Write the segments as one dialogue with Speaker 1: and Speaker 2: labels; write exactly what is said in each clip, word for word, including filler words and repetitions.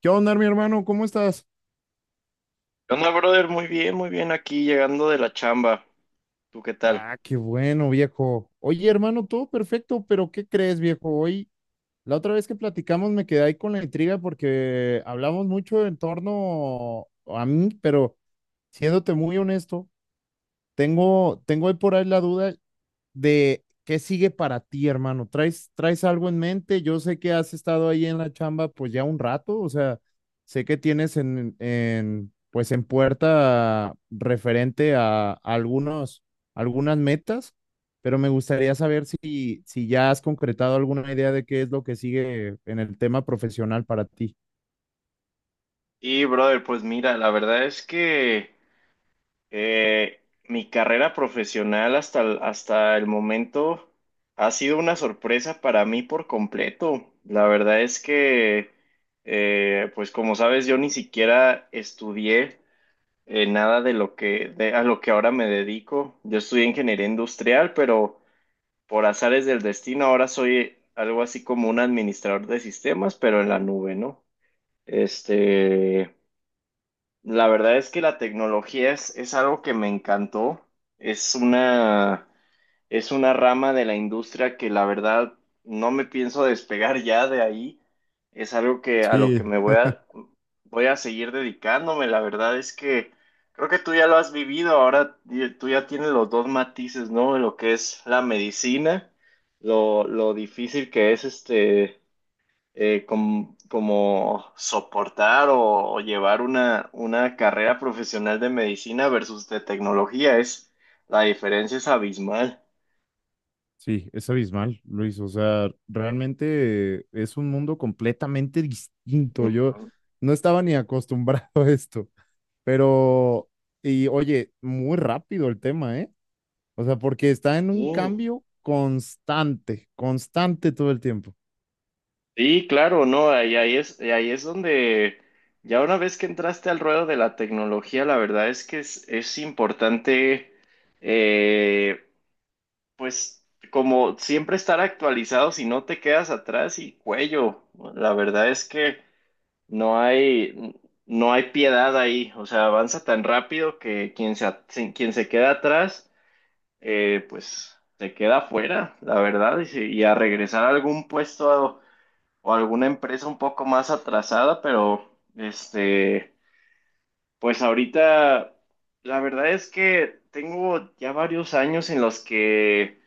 Speaker 1: ¿Qué onda, mi hermano? ¿Cómo estás?
Speaker 2: ¿Qué onda, brother? Muy bien, muy bien aquí llegando de la chamba. ¿Tú qué tal?
Speaker 1: Ah, qué bueno, viejo. Oye, hermano, todo perfecto, pero ¿qué crees, viejo? Hoy, la otra vez que platicamos me quedé ahí con la intriga porque hablamos mucho en torno a mí, pero siéndote muy honesto, tengo, tengo ahí por ahí la duda de qué sigue para ti, hermano. ¿Traes, traes algo en mente? Yo sé que has estado ahí en la chamba pues ya un rato, o sea, sé que tienes en, en pues en puerta referente a, algunos, algunas metas, pero me gustaría saber si, si ya has concretado alguna idea de qué es lo que sigue en el tema profesional para ti.
Speaker 2: Y, brother, pues mira, la verdad es que eh, mi carrera profesional hasta el, hasta el momento ha sido una sorpresa para mí por completo. La verdad es que, eh, pues como sabes, yo ni siquiera estudié eh, nada de lo que, de, a lo que ahora me dedico. Yo estudié ingeniería industrial, pero por azares del destino, ahora soy algo así como un administrador de sistemas, pero en la nube, ¿no? Este, la verdad es que la tecnología es, es algo que me encantó. Es una es una rama de la industria que, la verdad, no me pienso despegar ya de ahí. Es algo que a lo que
Speaker 1: Sí.
Speaker 2: me voy a voy a seguir dedicándome. La verdad es que creo que tú ya lo has vivido. Ahora y- tú ya tienes los dos matices, ¿no? De lo que es la medicina, lo, lo difícil que es este eh, com- como soportar o, o, llevar una, una, carrera profesional de medicina versus de tecnología. Es La diferencia es abismal.
Speaker 1: Sí, es abismal, Luis. O sea, realmente es un mundo completamente distinto. Yo no estaba ni acostumbrado a esto, pero, y oye, muy rápido el tema, ¿eh? O sea, porque está en un
Speaker 2: Sí,
Speaker 1: cambio constante, constante todo el tiempo.
Speaker 2: sí, claro, no, ahí, ahí es, ahí es donde, ya una vez que entraste al ruedo de la tecnología, la verdad es que es, es importante, eh, pues como siempre estar actualizado, si no te quedas atrás y cuello. La verdad es que no hay, no hay piedad ahí, o sea, avanza tan rápido que quien se, at- si, quien se queda atrás, eh, pues se queda afuera, la verdad, y, si- y a regresar a algún puesto o alguna empresa un poco más atrasada. Pero este, pues ahorita la verdad es que tengo ya varios años en los que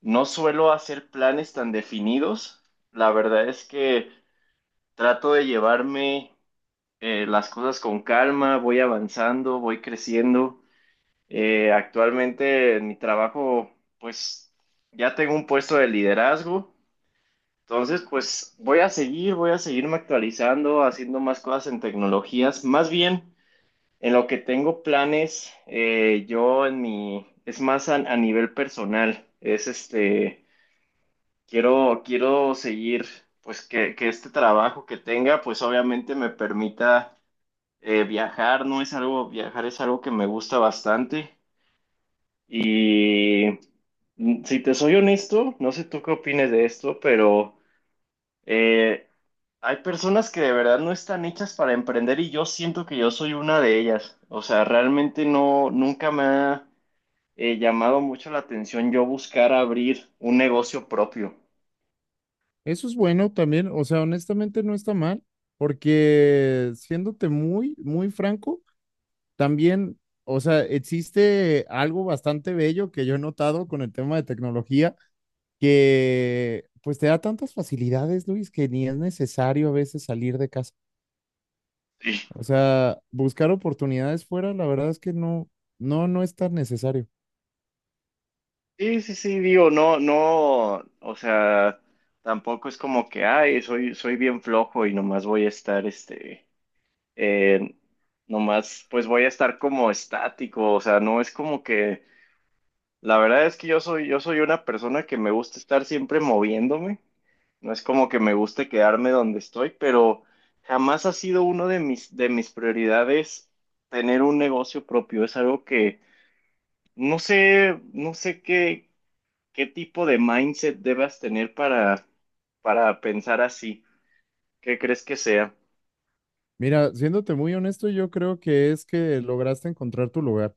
Speaker 2: no suelo hacer planes tan definidos. La verdad es que trato de llevarme eh, las cosas con calma, voy avanzando, voy creciendo. Eh, actualmente, en mi trabajo, pues ya tengo un puesto de liderazgo. Entonces, pues voy a seguir, voy a seguirme actualizando, haciendo más cosas en tecnologías. Más bien, en lo que tengo planes, eh, yo en mi, es más a, a nivel personal. es este, quiero, quiero, seguir, pues, que, que este trabajo que tenga, pues obviamente me permita eh, viajar. No es algo, Viajar es algo que me gusta bastante. Y, mm, si te soy honesto, no sé tú qué opines de esto, pero Eh, hay personas que de verdad no están hechas para emprender y yo siento que yo soy una de ellas. O sea, realmente no, nunca me ha eh, llamado mucho la atención yo buscar abrir un negocio propio.
Speaker 1: Eso es bueno también, o sea, honestamente no está mal, porque siéndote muy, muy franco, también, o sea, existe algo bastante bello que yo he notado con el tema de tecnología que pues te da tantas facilidades, Luis, que ni es necesario a veces salir de casa.
Speaker 2: Sí,
Speaker 1: O sea, buscar oportunidades fuera, la verdad es que no, no, no es tan necesario.
Speaker 2: sí, sí, sí, digo, no, no, o sea, tampoco es como que, ay, soy, soy, bien flojo y nomás voy a estar, este, eh, nomás, pues voy a estar como estático. O sea, no es como que la verdad es que yo soy, yo soy, una persona que me gusta estar siempre moviéndome. No es como que me guste quedarme donde estoy, pero jamás ha sido uno de mis, de mis prioridades tener un negocio propio. Es algo que no sé, no sé qué, qué tipo de mindset debas tener para, para pensar así. ¿Qué crees que sea?
Speaker 1: Mira, siéndote muy honesto, yo creo que es que lograste encontrar tu lugar.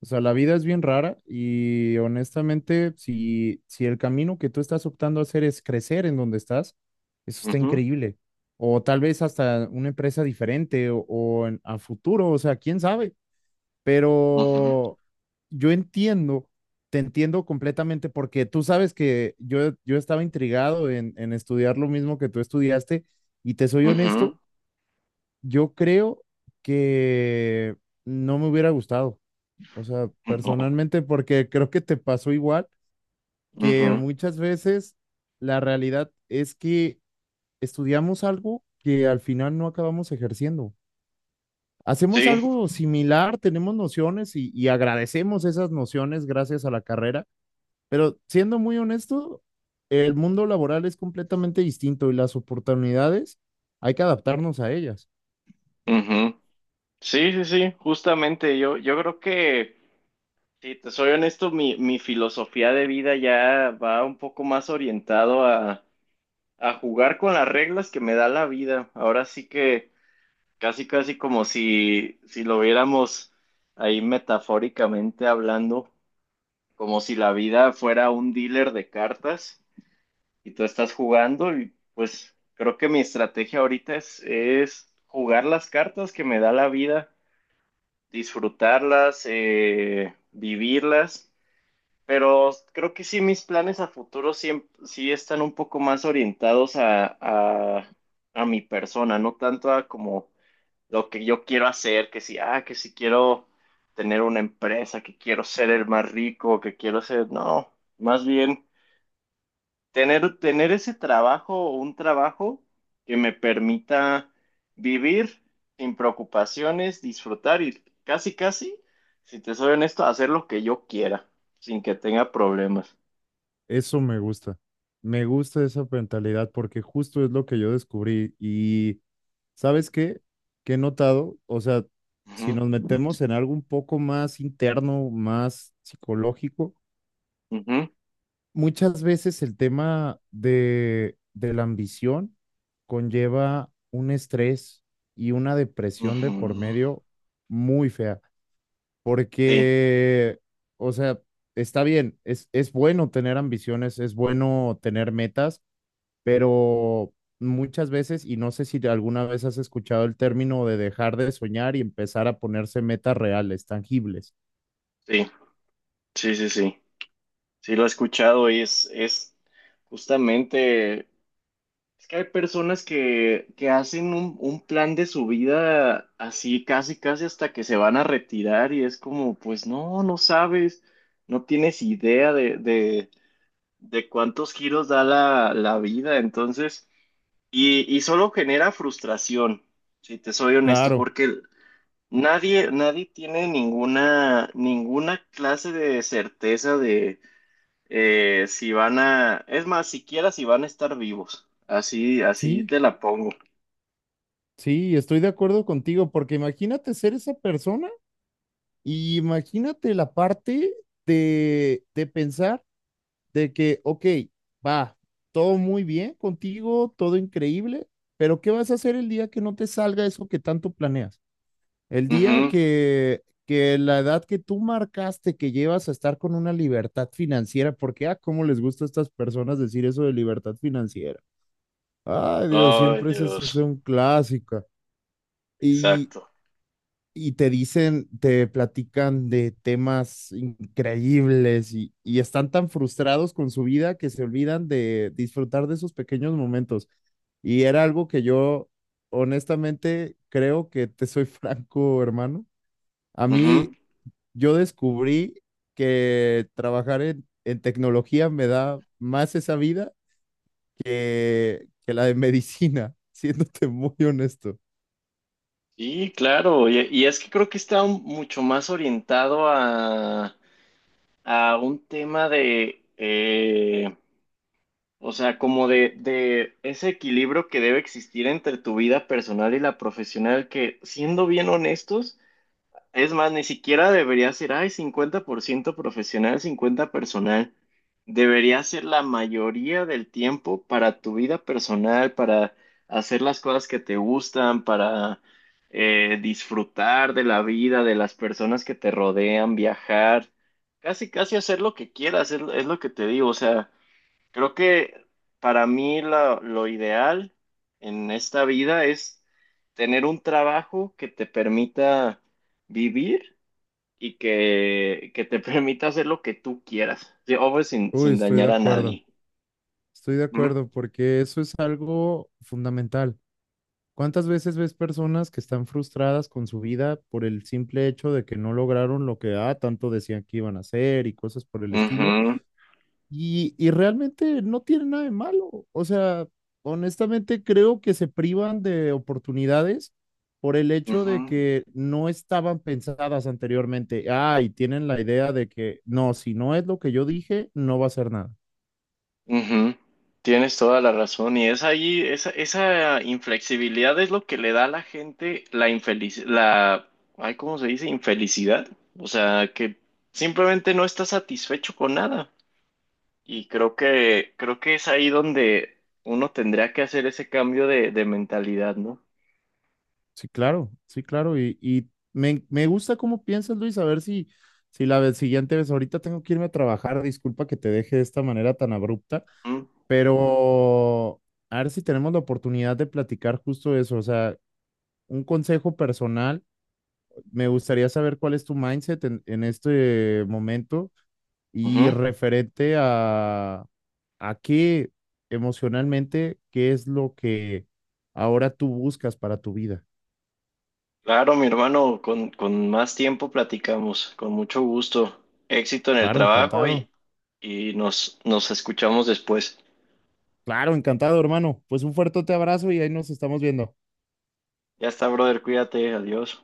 Speaker 1: O sea, la vida es bien rara y honestamente, si, si el camino que tú estás optando a hacer es crecer en donde estás, eso está
Speaker 2: Ujú.
Speaker 1: increíble. O tal vez hasta una empresa diferente o, o en- a futuro, o sea, quién sabe.
Speaker 2: Ujú.
Speaker 1: Pero yo entiendo, te entiendo completamente porque tú sabes que yo, yo estaba intrigado en, en estudiar lo mismo que tú estudiaste y te soy honesto,
Speaker 2: Ujú.
Speaker 1: yo creo que no me hubiera gustado, o sea,
Speaker 2: No.
Speaker 1: personalmente porque creo que te pasó igual, que
Speaker 2: Ujú.
Speaker 1: muchas veces la realidad es que estudiamos algo que al final no acabamos ejerciendo, hacemos
Speaker 2: Sí.
Speaker 1: algo similar, tenemos nociones y, y agradecemos esas nociones gracias a la carrera, pero siendo muy honesto, el mundo laboral es completamente distinto y las oportunidades hay que adaptarnos a ellas.
Speaker 2: Ujú. Sí, sí, sí, justamente yo, yo creo que sí. Te soy honesto, mi, mi, filosofía de vida ya va un poco más orientado a, a jugar con las reglas que me da la vida. Ahora sí que, casi casi, como si, si lo viéramos ahí, metafóricamente hablando, como si la vida fuera un dealer de cartas y tú estás jugando. Y pues creo que mi estrategia ahorita es, es, jugar las cartas que me da la vida, disfrutarlas, eh, vivirlas. Pero creo que sí, mis planes a futuro sí, sí, están un poco más orientados a, a, a mi persona, no tanto a como lo que yo quiero hacer, que si, ah, que si quiero tener una empresa, que quiero ser el más rico, que quiero ser, no, más bien tener, tener ese trabajo o un trabajo que me permita vivir sin preocupaciones, disfrutar y, casi, casi, si te soy honesto, hacer lo que yo quiera, sin que tenga problemas.
Speaker 1: Eso me gusta. Me gusta esa mentalidad porque justo es lo que yo descubrí. Y ¿sabes qué? Que he notado, o sea, si
Speaker 2: Ujú.
Speaker 1: nos metemos en algo un poco más interno, más psicológico,
Speaker 2: Ujú.
Speaker 1: muchas veces el tema de, de la ambición conlleva un estrés y una depresión de por
Speaker 2: Ujú.
Speaker 1: medio muy fea,
Speaker 2: Sí,
Speaker 1: porque, o sea, está bien, es, es bueno tener ambiciones, es bueno tener metas, pero muchas veces, y no sé si alguna vez has escuchado el término de dejar de soñar y empezar a ponerse metas reales, tangibles.
Speaker 2: sí, sí, sí, sí. Sí, lo he escuchado y es, es, justamente, es que hay personas que, que hacen un, un plan de su vida así, casi, casi hasta que se van a retirar, y es como, pues no, no, sabes, no tienes idea de, de, de, cuántos giros da la, la vida. Entonces, y, y solo genera frustración, si te soy honesto,
Speaker 1: Claro.
Speaker 2: porque nadie, nadie tiene ninguna, ninguna clase de certeza de, eh, si van a, es más, siquiera si van a estar vivos. Así, así
Speaker 1: Sí,
Speaker 2: te la pongo.
Speaker 1: sí, estoy de acuerdo contigo, porque imagínate ser esa persona. Y imagínate la parte de, de pensar de que, ok, va, todo muy bien contigo, todo increíble, pero ¿qué vas a hacer el día que no te salga eso que tanto planeas? El día
Speaker 2: Ujú.
Speaker 1: que, que la edad que tú marcaste, que llevas a estar con una libertad financiera, porque, ah, cómo les gusta a estas personas decir eso de libertad financiera. Ay, Dios,
Speaker 2: Ay,
Speaker 1: siempre es eso, es
Speaker 2: Dios.
Speaker 1: un clásico. Y,
Speaker 2: Exacto.
Speaker 1: y te dicen, te platican de temas increíbles y, y están tan frustrados con su vida que se olvidan de disfrutar de esos pequeños momentos. Y era algo que yo, honestamente, creo que te soy franco, hermano. A mí,
Speaker 2: Ujú.
Speaker 1: yo descubrí que trabajar en, en tecnología me da más esa vida que, que la de medicina, siéndote muy honesto.
Speaker 2: Sí, claro. Y, y es que creo que está un- mucho más orientado a, a, un tema de, o sea, como de, de ese equilibrio que debe existir entre tu vida personal y la profesional, que, siendo bien honestos, es más, ni siquiera debería ser, ay, cincuenta por ciento profesional, cincuenta personal. Debería ser la mayoría del tiempo para tu vida personal, para hacer las cosas que te gustan, para eh, disfrutar de la vida, de las personas que te rodean, viajar, casi, casi hacer lo que quieras. es es lo que te digo, o sea. Creo que, para mí, la- lo ideal en esta vida es tener un trabajo que te permita vivir y que, que te permita hacer lo que tú quieras, sí, obvio, sin,
Speaker 1: Uy,
Speaker 2: sin
Speaker 1: estoy de
Speaker 2: dañar a
Speaker 1: acuerdo.
Speaker 2: nadie.
Speaker 1: Estoy de
Speaker 2: Ujú.
Speaker 1: acuerdo, porque eso es algo fundamental. ¿Cuántas veces ves personas que están frustradas con su vida por el simple hecho de que no lograron lo que ah, tanto decían que iban a hacer y cosas por el estilo?
Speaker 2: Ujú.
Speaker 1: Y, y realmente no tiene nada de malo. O sea, honestamente creo que se privan de oportunidades por el hecho de
Speaker 2: Ujú.
Speaker 1: que no estaban pensadas anteriormente. Ah, y tienen la idea de que no, si no es lo que yo dije, no va a ser nada.
Speaker 2: Ujú. Tienes toda la razón, y es ahí, esa, esa inflexibilidad es lo que le da a la gente la infelicidad, la, ay, ¿cómo se dice? Infelicidad. O sea, que simplemente no está satisfecho con nada. Y creo que, creo que es ahí donde uno tendría que hacer ese cambio de, de, mentalidad, ¿no?
Speaker 1: Sí, claro, sí, claro. Y, y me, me gusta cómo piensas, Luis, a ver si, si la vez- siguiente vez, ahorita tengo que irme a trabajar, disculpa que te deje de esta manera tan abrupta,
Speaker 2: Ujú.
Speaker 1: pero a ver si tenemos la oportunidad de platicar justo eso, o sea, un consejo personal, me gustaría saber cuál es tu mindset en, en este momento y
Speaker 2: Ujú.
Speaker 1: referente a, a qué emocionalmente, qué es lo que ahora tú buscas para tu vida.
Speaker 2: Claro, mi hermano, con, con más tiempo platicamos, con mucho gusto. Éxito en el
Speaker 1: Claro,
Speaker 2: trabajo. y,
Speaker 1: encantado.
Speaker 2: y nos, nos, escuchamos después.
Speaker 1: Claro, encantado, hermano. Pues un fuerte abrazo y ahí nos estamos viendo.
Speaker 2: Ya está, brother, cuídate, adiós.